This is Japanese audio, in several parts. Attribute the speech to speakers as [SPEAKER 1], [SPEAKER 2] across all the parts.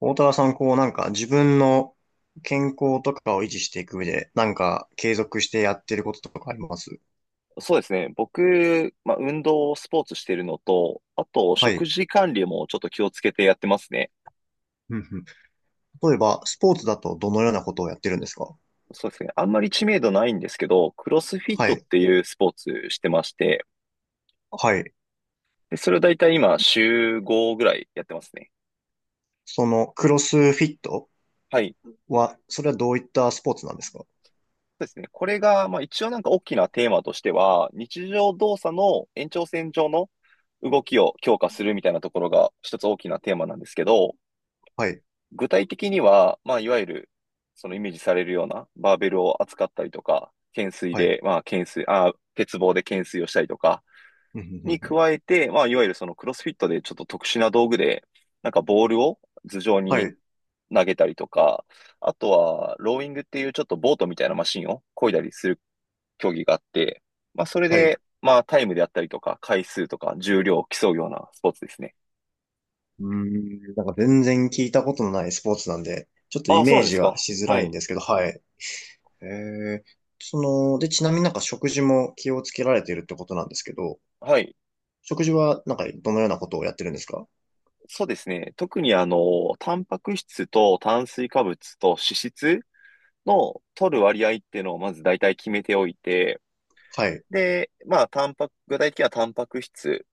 [SPEAKER 1] 大田さん、こうなんか自分の健康とかを維持していく上で、なんか継続してやってることとかあります？
[SPEAKER 2] そうですね。僕、まあ、運動、スポーツしてるのと、あと、
[SPEAKER 1] は
[SPEAKER 2] 食
[SPEAKER 1] い。
[SPEAKER 2] 事管理もちょっと気をつけてやってますね。
[SPEAKER 1] うんうん。例えば、スポーツだとどのようなことをやってるんですか？
[SPEAKER 2] そうですね。あんまり知名度ないんですけど、クロスフィッ
[SPEAKER 1] は
[SPEAKER 2] トっ
[SPEAKER 1] い。
[SPEAKER 2] ていうスポーツしてまして、
[SPEAKER 1] はい。
[SPEAKER 2] で、それをだいたい今、週5ぐらいやってますね。
[SPEAKER 1] その、クロスフィット
[SPEAKER 2] はい。
[SPEAKER 1] は、それはどういったスポーツなんですか？
[SPEAKER 2] そうですね。これが、まあ、一応なんか大きなテーマとしては、日常動作の延長線上の動きを強化するみたいなところが一つ大きなテーマなんですけど、
[SPEAKER 1] はい。
[SPEAKER 2] 具体的には、まあ、いわゆる、そのイメージされるようなバーベルを扱ったりとか、懸垂
[SPEAKER 1] はい。
[SPEAKER 2] で、まあ、懸垂、あ、鉄棒で懸垂をしたりとか、
[SPEAKER 1] うんうんうん
[SPEAKER 2] に
[SPEAKER 1] うん。
[SPEAKER 2] 加えて、まあ、いわゆるそのクロスフィットでちょっと特殊な道具で、なんかボールを頭上
[SPEAKER 1] は
[SPEAKER 2] に
[SPEAKER 1] い。
[SPEAKER 2] 投げたりとか、あとは、ローイングっていうちょっとボートみたいなマシンを漕いだりする競技があって、まあ、それ
[SPEAKER 1] はい。う
[SPEAKER 2] で、まあ、タイムであったりとか、回数とか、重量を競うようなスポーツですね。
[SPEAKER 1] ーん。なんか全然聞いたことのないスポーツなんで、ちょっとイ
[SPEAKER 2] あ、そう
[SPEAKER 1] メー
[SPEAKER 2] なんです
[SPEAKER 1] ジ
[SPEAKER 2] か。
[SPEAKER 1] はしづ
[SPEAKER 2] は
[SPEAKER 1] らいん
[SPEAKER 2] い。
[SPEAKER 1] ですけど、はい。えー、その、で、ちなみになんか食事も気をつけられてるってことなんですけど、
[SPEAKER 2] はい。
[SPEAKER 1] 食事は、なんか、どのようなことをやってるんですか？
[SPEAKER 2] そうですね。特にタンパク質と炭水化物と脂質の取る割合っていうのをまず大体決めておいて、
[SPEAKER 1] はい。
[SPEAKER 2] で、まあ、タンパク、具体的にはタンパク質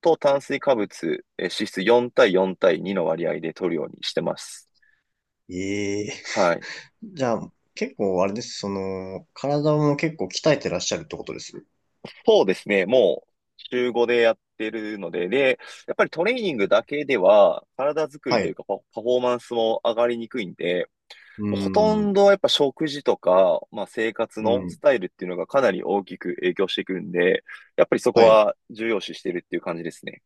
[SPEAKER 2] と炭水化物、脂質4対4対2の割合で取るようにしてます。
[SPEAKER 1] ええ。
[SPEAKER 2] はい。
[SPEAKER 1] じゃあ、結構、あれです。その、体も結構鍛えてらっしゃるってことです。
[SPEAKER 2] そうですね。もう、週5でやってるので、で、やっぱりトレーニングだけでは、体作り
[SPEAKER 1] は
[SPEAKER 2] と
[SPEAKER 1] い。
[SPEAKER 2] いう
[SPEAKER 1] う
[SPEAKER 2] かパフォーマンスも上がりにくいんで、
[SPEAKER 1] ー
[SPEAKER 2] ほと
[SPEAKER 1] ん。
[SPEAKER 2] んどやっぱ食事とか、まあ生活
[SPEAKER 1] う
[SPEAKER 2] の
[SPEAKER 1] ん。
[SPEAKER 2] スタイルっていうのがかなり大きく影響してくるんで、やっぱりそこ
[SPEAKER 1] はい。
[SPEAKER 2] は重要視してるっていう感じですね。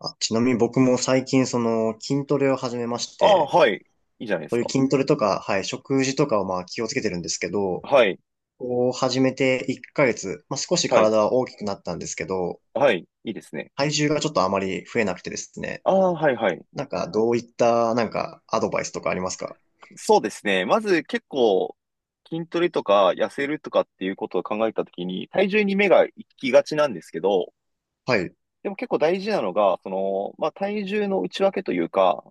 [SPEAKER 1] あ、ちなみに僕も最近、その、筋トレを始めまし
[SPEAKER 2] ああ、
[SPEAKER 1] て、
[SPEAKER 2] はい。いいじゃないです
[SPEAKER 1] そういう
[SPEAKER 2] か。
[SPEAKER 1] 筋トレとか、はい、食事とかをまあ気をつけてるんですけど、
[SPEAKER 2] はい。
[SPEAKER 1] こう始めて1ヶ月、まあ少し
[SPEAKER 2] はい。
[SPEAKER 1] 体は大きくなったんですけど、
[SPEAKER 2] はい。いいですね。
[SPEAKER 1] 体重がちょっとあまり増えなくてですね、
[SPEAKER 2] ああ、はい、はい。
[SPEAKER 1] なんか、どういった、なんか、アドバイスとかありますか？
[SPEAKER 2] そうですね。まず結構筋トレとか痩せるとかっていうことを考えたときに、体重に目が行きがちなんですけど、
[SPEAKER 1] はい。
[SPEAKER 2] でも結構大事なのが、その、まあ、体重の内訳というか、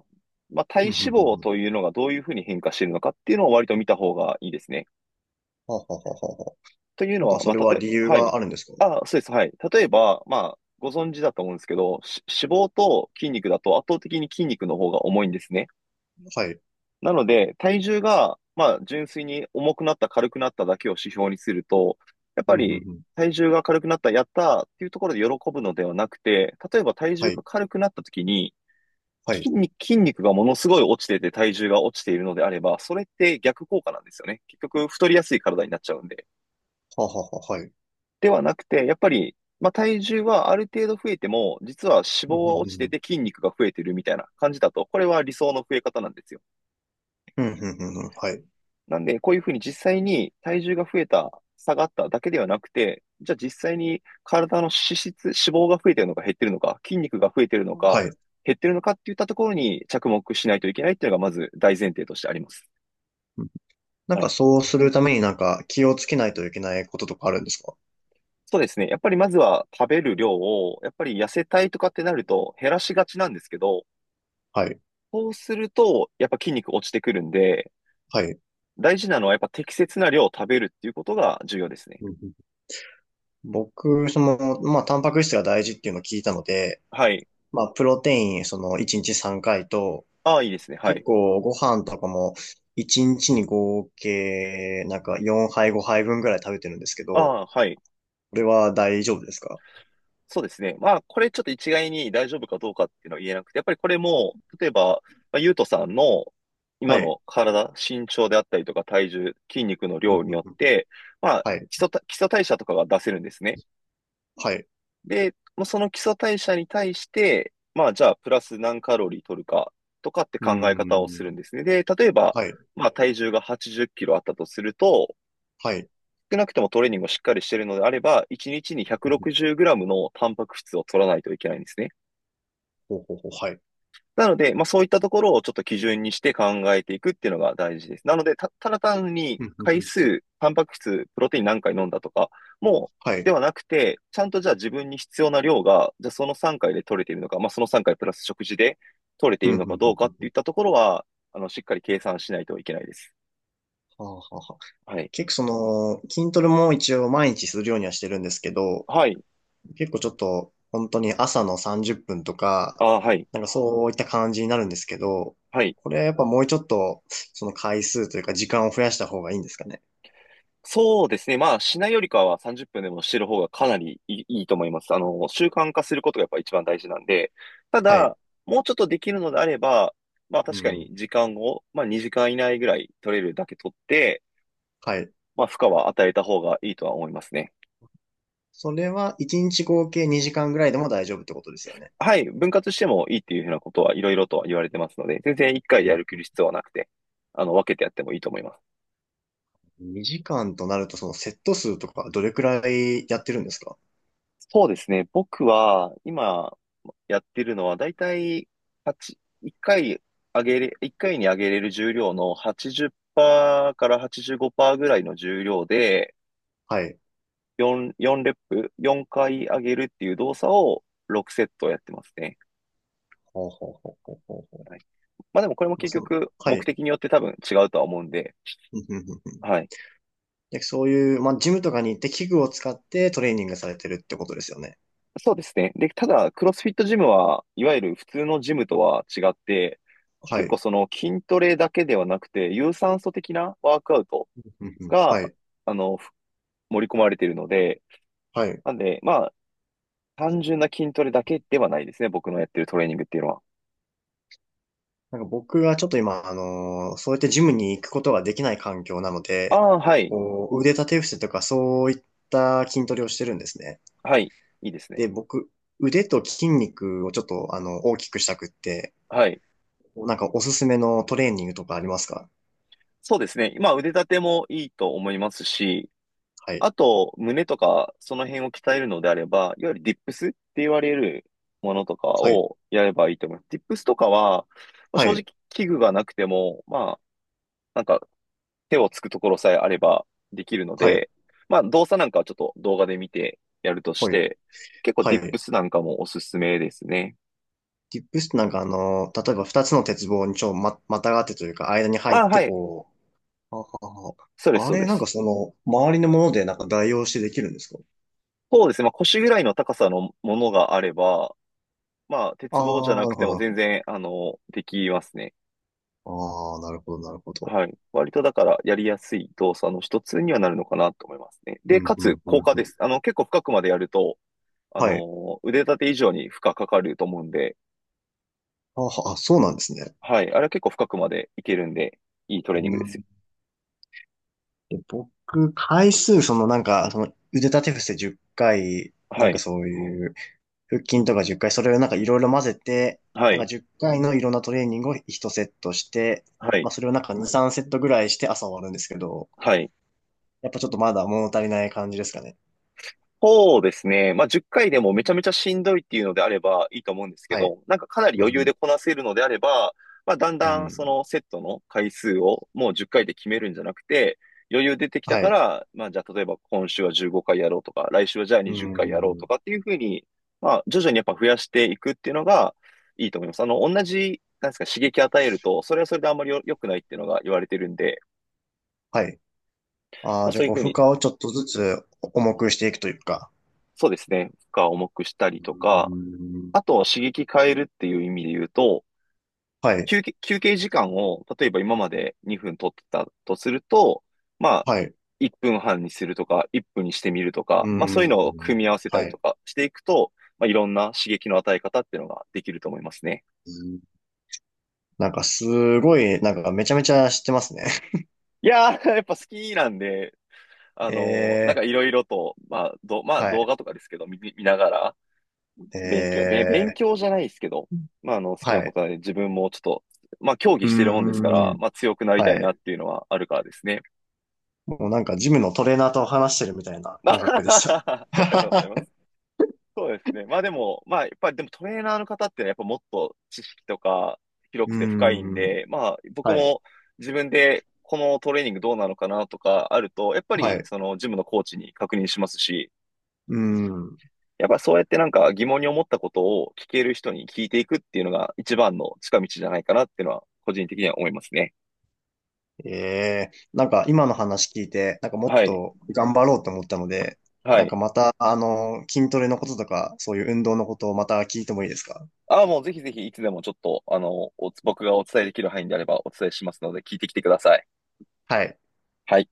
[SPEAKER 2] まあ、体
[SPEAKER 1] ふ
[SPEAKER 2] 脂
[SPEAKER 1] んふんふん
[SPEAKER 2] 肪
[SPEAKER 1] ふん。
[SPEAKER 2] というのがどういうふうに変化しているのかっていうのを割と見た方がいいですね。
[SPEAKER 1] はあはあはあはあはあ。
[SPEAKER 2] という
[SPEAKER 1] な
[SPEAKER 2] の
[SPEAKER 1] んか
[SPEAKER 2] は、
[SPEAKER 1] そ
[SPEAKER 2] まあ、
[SPEAKER 1] れ
[SPEAKER 2] た
[SPEAKER 1] は
[SPEAKER 2] とえ、
[SPEAKER 1] 理由
[SPEAKER 2] は
[SPEAKER 1] が
[SPEAKER 2] い。
[SPEAKER 1] あるんですか？
[SPEAKER 2] あ、そうです。はい。例えば、まあ、ご存知だと思うんですけど、脂肪と筋肉だと圧倒的に筋肉の方が重いんですね。
[SPEAKER 1] はい。
[SPEAKER 2] なので、体重が、まあ、純粋に重くなった、軽くなっただけを指標にすると、やっ
[SPEAKER 1] う
[SPEAKER 2] ぱ
[SPEAKER 1] んうん
[SPEAKER 2] り、
[SPEAKER 1] うん。
[SPEAKER 2] 体重が軽くなった、やったーっていうところで喜ぶのではなくて、例えば体
[SPEAKER 1] は
[SPEAKER 2] 重が
[SPEAKER 1] い。
[SPEAKER 2] 軽くなった時に、
[SPEAKER 1] はい。は
[SPEAKER 2] 筋肉がものすごい落ちてて体重が落ちているのであれば、それって逆効果なんですよね。結局太りやすい体になっちゃうんで。
[SPEAKER 1] あはあはあ、はい。
[SPEAKER 2] ではなくて、やっぱり、まあ、体重はある程度増えても、実は脂
[SPEAKER 1] う
[SPEAKER 2] 肪
[SPEAKER 1] んうんう
[SPEAKER 2] は落ち
[SPEAKER 1] んう
[SPEAKER 2] て
[SPEAKER 1] ん。
[SPEAKER 2] て筋肉が増えてるみたいな感じだと、これは理想の増え方なんですよ。
[SPEAKER 1] うんうんうんうん。はい。
[SPEAKER 2] なんで、こういうふうに実際に体重が増えた、下がっただけではなくて、じゃあ実際に体の脂質、脂肪が増えてるのか減ってるのか、筋肉が増えてるのか、
[SPEAKER 1] はい。
[SPEAKER 2] 減ってるのかっていったところに着目しないといけないっていうのがまず大前提としてあります。
[SPEAKER 1] うん。なん
[SPEAKER 2] は
[SPEAKER 1] か
[SPEAKER 2] い。
[SPEAKER 1] そうするためになんか気をつけないといけないこととかあるんですか？
[SPEAKER 2] そうですね。やっぱりまずは食べる量を、やっぱり痩せたいとかってなると減らしがちなんですけど、
[SPEAKER 1] はい。
[SPEAKER 2] そうするとやっぱ筋肉落ちてくるんで、
[SPEAKER 1] はい。
[SPEAKER 2] 大事なのはやっぱ適切な量を食べるっていうことが重要ですね。
[SPEAKER 1] うんうん。僕、その、まあ、タンパク質が大事っていうのを聞いたので、
[SPEAKER 2] はい。
[SPEAKER 1] まあ、プロテイン、その、1日3回と、
[SPEAKER 2] ああ、いいですね。は
[SPEAKER 1] 結
[SPEAKER 2] い。
[SPEAKER 1] 構ご飯とかも、1日にちに合計、なんか4杯5杯分ぐらい食べてるんですけ
[SPEAKER 2] あ
[SPEAKER 1] ど、
[SPEAKER 2] あ、はい。
[SPEAKER 1] これは大丈夫ですか？
[SPEAKER 2] そうですね。まあ、これちょっと一概に大丈夫かどうかっていうのは言えなくて、やっぱりこれも、例えば、まあ、ゆうとさんの今
[SPEAKER 1] はい。
[SPEAKER 2] の体、身長であったりとか体重、筋肉の
[SPEAKER 1] うん
[SPEAKER 2] 量
[SPEAKER 1] う
[SPEAKER 2] に
[SPEAKER 1] ん
[SPEAKER 2] よっ
[SPEAKER 1] うん。
[SPEAKER 2] て、まあ、
[SPEAKER 1] はい。
[SPEAKER 2] 基礎代謝とかが出せるんですね。
[SPEAKER 1] はい。
[SPEAKER 2] で、もうその基礎代謝に対して、まあじゃあプラス何カロリー取るかとかって
[SPEAKER 1] うー
[SPEAKER 2] 考え方をす
[SPEAKER 1] ん。
[SPEAKER 2] るんですね。で、例えば、
[SPEAKER 1] はい。
[SPEAKER 2] まあ体重が80キロあったとすると、
[SPEAKER 1] はい。
[SPEAKER 2] 少なくともトレーニングをしっかりしているのであれば、1日に
[SPEAKER 1] うんうん。
[SPEAKER 2] 160グラムのタンパク質を取らないといけないんですね。
[SPEAKER 1] ほうほうほう。はい。
[SPEAKER 2] なので、まあそういったところをちょっと基準にして考えていくっていうのが大事です。なので、ただ単に
[SPEAKER 1] うんうんう
[SPEAKER 2] 回
[SPEAKER 1] ん。
[SPEAKER 2] 数、タンパク質、プロテイン何回飲んだとか、も
[SPEAKER 1] は
[SPEAKER 2] で
[SPEAKER 1] い。
[SPEAKER 2] はなくて、ちゃんとじゃあ自分に必要な量が、じゃあその3回で取れているのか、まあその3回プラス食事で取れてい
[SPEAKER 1] うん
[SPEAKER 2] る
[SPEAKER 1] う
[SPEAKER 2] のか
[SPEAKER 1] ん
[SPEAKER 2] どうか
[SPEAKER 1] う
[SPEAKER 2] っ
[SPEAKER 1] んう
[SPEAKER 2] てい
[SPEAKER 1] ん。
[SPEAKER 2] ったところは、しっかり計算しないといけないです。
[SPEAKER 1] はあはあはあ。
[SPEAKER 2] はい。
[SPEAKER 1] 結構その、筋トレも一応毎日するようにはしてるんですけど、
[SPEAKER 2] はい。
[SPEAKER 1] 結構ちょっと本当に朝の30分とか、
[SPEAKER 2] あ、はい。
[SPEAKER 1] なんかそういった感じになるんですけど、
[SPEAKER 2] はい。
[SPEAKER 1] これはやっぱもうちょっと、その回数というか時間を増やした方がいいんですかね。
[SPEAKER 2] そうですね。まあ、しないよりかは30分でもしてる方がかなりいいと思います。習慣化することがやっぱ一番大事なんで、た
[SPEAKER 1] はい。
[SPEAKER 2] だ、もうちょっとできるのであれば、まあ
[SPEAKER 1] う
[SPEAKER 2] 確かに
[SPEAKER 1] ん。
[SPEAKER 2] 時間を、まあ2時間以内ぐらい取れるだけ取って、
[SPEAKER 1] はい。
[SPEAKER 2] まあ負荷は与えた方がいいとは思いますね。
[SPEAKER 1] それは1日合計2時間ぐらいでも大丈夫ってことですよね。
[SPEAKER 2] はい、分割してもいいっていうふうなことはいろいろとは言われてますので、全然1回でやる必要はなくて、分けてやってもいいと思います。
[SPEAKER 1] 2時間となると、そのセット数とかどれくらいやってるんですか？
[SPEAKER 2] そうですね。僕は、今、やってるのは、だいたい、八1回上げれ、一回に上げれる重量の80%から85%ぐらいの重量で、
[SPEAKER 1] はい。
[SPEAKER 2] 4レップ、4回上げるっていう動作を6セットやってますね。
[SPEAKER 1] ほうほうほうほうほうほう。
[SPEAKER 2] はい。まあでもこれも
[SPEAKER 1] まあ、
[SPEAKER 2] 結
[SPEAKER 1] その、
[SPEAKER 2] 局、
[SPEAKER 1] は
[SPEAKER 2] 目
[SPEAKER 1] い。
[SPEAKER 2] 的によって多分違うとは思うんで、
[SPEAKER 1] うんうんうんうん。
[SPEAKER 2] はい。
[SPEAKER 1] で、そういう、まあ、ジムとかに行って器具を使ってトレーニングされてるってことですよね。
[SPEAKER 2] そうですね。で、ただ、クロスフィットジムは、いわゆる普通のジムとは違って、
[SPEAKER 1] は
[SPEAKER 2] 結
[SPEAKER 1] い。
[SPEAKER 2] 構その筋トレだけではなくて、有酸素的なワークアウト
[SPEAKER 1] うんうん。は
[SPEAKER 2] が、
[SPEAKER 1] い。
[SPEAKER 2] あの、ふ盛り込まれているので、
[SPEAKER 1] はい。
[SPEAKER 2] なんで、まあ、単純な筋トレだけではないですね。僕のやってるトレーニングっていうのは。
[SPEAKER 1] なんか僕はちょっと今、そうやってジムに行くことができない環境なの
[SPEAKER 2] あ
[SPEAKER 1] で、
[SPEAKER 2] あ、はい。
[SPEAKER 1] こう、腕立て伏せとかそういった筋トレをしてるんですね。
[SPEAKER 2] はい。いいですね。
[SPEAKER 1] で、僕、腕と筋肉をちょっと、あの、大きくしたくって、
[SPEAKER 2] はい。
[SPEAKER 1] なんかおすすめのトレーニングとかありますか？
[SPEAKER 2] そうですね。まあ、腕立てもいいと思いますし、
[SPEAKER 1] はい。
[SPEAKER 2] あと、胸とか、その辺を鍛えるのであれば、いわゆるディップスって言われるものとか
[SPEAKER 1] はい。
[SPEAKER 2] をやればいいと思います。ディップスとかは、まあ
[SPEAKER 1] は
[SPEAKER 2] 正直
[SPEAKER 1] い。
[SPEAKER 2] 器具がなくても、まあ、なんか手をつくところさえあればできるの
[SPEAKER 1] はい。
[SPEAKER 2] で、まあ動作なんかはちょっと動画で見てやるとし
[SPEAKER 1] はい。
[SPEAKER 2] て、結構
[SPEAKER 1] は
[SPEAKER 2] ディップ
[SPEAKER 1] い。
[SPEAKER 2] スなんかもおすすめですね。
[SPEAKER 1] ディップスってなんかあの、例えば二つの鉄棒にちょ、ま、またがってというか、間に入っ
[SPEAKER 2] あ、
[SPEAKER 1] て
[SPEAKER 2] はい。
[SPEAKER 1] こう、あはは。
[SPEAKER 2] そうです、
[SPEAKER 1] あ
[SPEAKER 2] そう
[SPEAKER 1] れ、
[SPEAKER 2] で
[SPEAKER 1] なんか
[SPEAKER 2] す。
[SPEAKER 1] その、周りのものでなんか代用してできるんですか？
[SPEAKER 2] そうですね。まあ腰ぐらいの高さのものがあれば、まあ
[SPEAKER 1] あ
[SPEAKER 2] 鉄棒じゃ
[SPEAKER 1] あー、
[SPEAKER 2] な
[SPEAKER 1] な
[SPEAKER 2] く
[SPEAKER 1] るほ
[SPEAKER 2] て
[SPEAKER 1] ど、
[SPEAKER 2] も
[SPEAKER 1] なる
[SPEAKER 2] 全
[SPEAKER 1] ほ
[SPEAKER 2] 然、できますね。
[SPEAKER 1] ど。ああ、なるほど、なるほど。
[SPEAKER 2] はい。割とだからやりやすい動作の一つにはなるのかなと思いますね。
[SPEAKER 1] う
[SPEAKER 2] で、
[SPEAKER 1] ん、
[SPEAKER 2] か
[SPEAKER 1] う
[SPEAKER 2] つ
[SPEAKER 1] ん、う
[SPEAKER 2] 効
[SPEAKER 1] ん、
[SPEAKER 2] 果
[SPEAKER 1] う
[SPEAKER 2] で
[SPEAKER 1] ん。
[SPEAKER 2] す。結構深くまでやると、
[SPEAKER 1] はい。
[SPEAKER 2] 腕立て以上に負荷かかると思うんで、
[SPEAKER 1] あは、あ、そうなんですね。
[SPEAKER 2] はい。あれは結構深くまでいけるんで、いいトレーニング
[SPEAKER 1] う
[SPEAKER 2] ですよ。
[SPEAKER 1] ん。で、僕、回数、そのなんか、その腕立て伏せ10回、な
[SPEAKER 2] は
[SPEAKER 1] んか
[SPEAKER 2] い。
[SPEAKER 1] そういう、腹筋とか10回、それをなんかいろいろ混ぜて、
[SPEAKER 2] は
[SPEAKER 1] なんか
[SPEAKER 2] い。
[SPEAKER 1] 10回のいろんなトレーニングを1セットして、
[SPEAKER 2] は
[SPEAKER 1] ま
[SPEAKER 2] い。
[SPEAKER 1] あそれをなんか2、3セットぐらいして朝終わるんですけど、
[SPEAKER 2] はい。
[SPEAKER 1] やっぱちょっとまだ物足りない感じですかね。
[SPEAKER 2] そうですね。まあ、10回でもめちゃめちゃしんどいっていうのであればいいと思うんですけ
[SPEAKER 1] はい。
[SPEAKER 2] ど、なんかかなり
[SPEAKER 1] う
[SPEAKER 2] 余裕
[SPEAKER 1] ん。
[SPEAKER 2] でこなせるのであれば、まあ、だん
[SPEAKER 1] う
[SPEAKER 2] だんそ
[SPEAKER 1] ん。
[SPEAKER 2] のセットの回数をもう10回で決めるんじゃなくて、余裕出てきた
[SPEAKER 1] は
[SPEAKER 2] か
[SPEAKER 1] い。
[SPEAKER 2] ら、まあ、じゃあ例えば今週は15回やろうとか、来週はじゃあ
[SPEAKER 1] う
[SPEAKER 2] 20回やろうと
[SPEAKER 1] ん。
[SPEAKER 2] かっていうふうに、まあ、徐々にやっぱ増やしていくっていうのがいいと思います。同じ、なんですか、刺激与えると、それはそれであんまり良くないっていうのが言われてるんで、
[SPEAKER 1] はい。あ
[SPEAKER 2] まあ、
[SPEAKER 1] あ、じゃ
[SPEAKER 2] そ
[SPEAKER 1] あ
[SPEAKER 2] ういう
[SPEAKER 1] こう
[SPEAKER 2] ふう
[SPEAKER 1] 負
[SPEAKER 2] に、
[SPEAKER 1] 荷をちょっとずつ重くしていくというか。
[SPEAKER 2] そうですね、負荷を重くしたり
[SPEAKER 1] う
[SPEAKER 2] とか、
[SPEAKER 1] ん。
[SPEAKER 2] あと、刺激変えるっていう意味で言うと、
[SPEAKER 1] はい。
[SPEAKER 2] 休憩時間を、例えば今まで2分取ってたとすると、まあ、
[SPEAKER 1] はい。
[SPEAKER 2] 1分半にするとか、1分にしてみると
[SPEAKER 1] う
[SPEAKER 2] か、まあそういうのを
[SPEAKER 1] ん。
[SPEAKER 2] 組み合わせたり
[SPEAKER 1] は
[SPEAKER 2] と
[SPEAKER 1] い。
[SPEAKER 2] かしていくと、まあいろんな刺激の与え方っていうのができると思いますね。
[SPEAKER 1] うん。なんかすごい、なんかめちゃめちゃ知ってますね。
[SPEAKER 2] いやー、やっぱ好きなんで、なん か
[SPEAKER 1] え
[SPEAKER 2] い
[SPEAKER 1] え。
[SPEAKER 2] ろいろと、まあ、まあ
[SPEAKER 1] は
[SPEAKER 2] 動
[SPEAKER 1] い。
[SPEAKER 2] 画とかですけど、見ながら、
[SPEAKER 1] え
[SPEAKER 2] 勉強、べ、勉
[SPEAKER 1] え。
[SPEAKER 2] 強じゃないですけど、まあ、好きな
[SPEAKER 1] は
[SPEAKER 2] こ
[SPEAKER 1] い。
[SPEAKER 2] とはね、自分もちょっと、まあ、
[SPEAKER 1] う
[SPEAKER 2] 競技してるもんですか
[SPEAKER 1] ー
[SPEAKER 2] ら、
[SPEAKER 1] ん。
[SPEAKER 2] まあ、強くなり
[SPEAKER 1] は
[SPEAKER 2] たいなっ
[SPEAKER 1] い。
[SPEAKER 2] ていうのはあるからですね。
[SPEAKER 1] もうなんかジムのトレーナーと話してるみたいな感覚でし
[SPEAKER 2] ありがとうござい
[SPEAKER 1] た。
[SPEAKER 2] ま す。そうですね。まあでも、まあ、やっぱりでもトレーナーの方ってのはやっぱもっと知識とか広
[SPEAKER 1] う
[SPEAKER 2] くて深いん
[SPEAKER 1] ーん。
[SPEAKER 2] で、まあ、僕
[SPEAKER 1] はい。
[SPEAKER 2] も自分でこのトレーニングどうなのかなとかあると、やっぱ
[SPEAKER 1] はい。
[SPEAKER 2] り
[SPEAKER 1] う
[SPEAKER 2] そのジムのコーチに確認しますし、
[SPEAKER 1] ーん。
[SPEAKER 2] やっぱそうやってなんか疑問に思ったことを聞ける人に聞いていくっていうのが一番の近道じゃないかなっていうのは個人的には思いますね。
[SPEAKER 1] ええ、なんか今の話聞いて、なんかもっ
[SPEAKER 2] はい。
[SPEAKER 1] と頑張ろうと思ったので、
[SPEAKER 2] は
[SPEAKER 1] なん
[SPEAKER 2] い。
[SPEAKER 1] かまた、あの、筋トレのこととか、そういう運動のことをまた聞いてもいいですか？
[SPEAKER 2] ああ、もうぜひぜひいつでもちょっと、僕がお伝えできる範囲であればお伝えしますので聞いてきてください。
[SPEAKER 1] はい。
[SPEAKER 2] はい。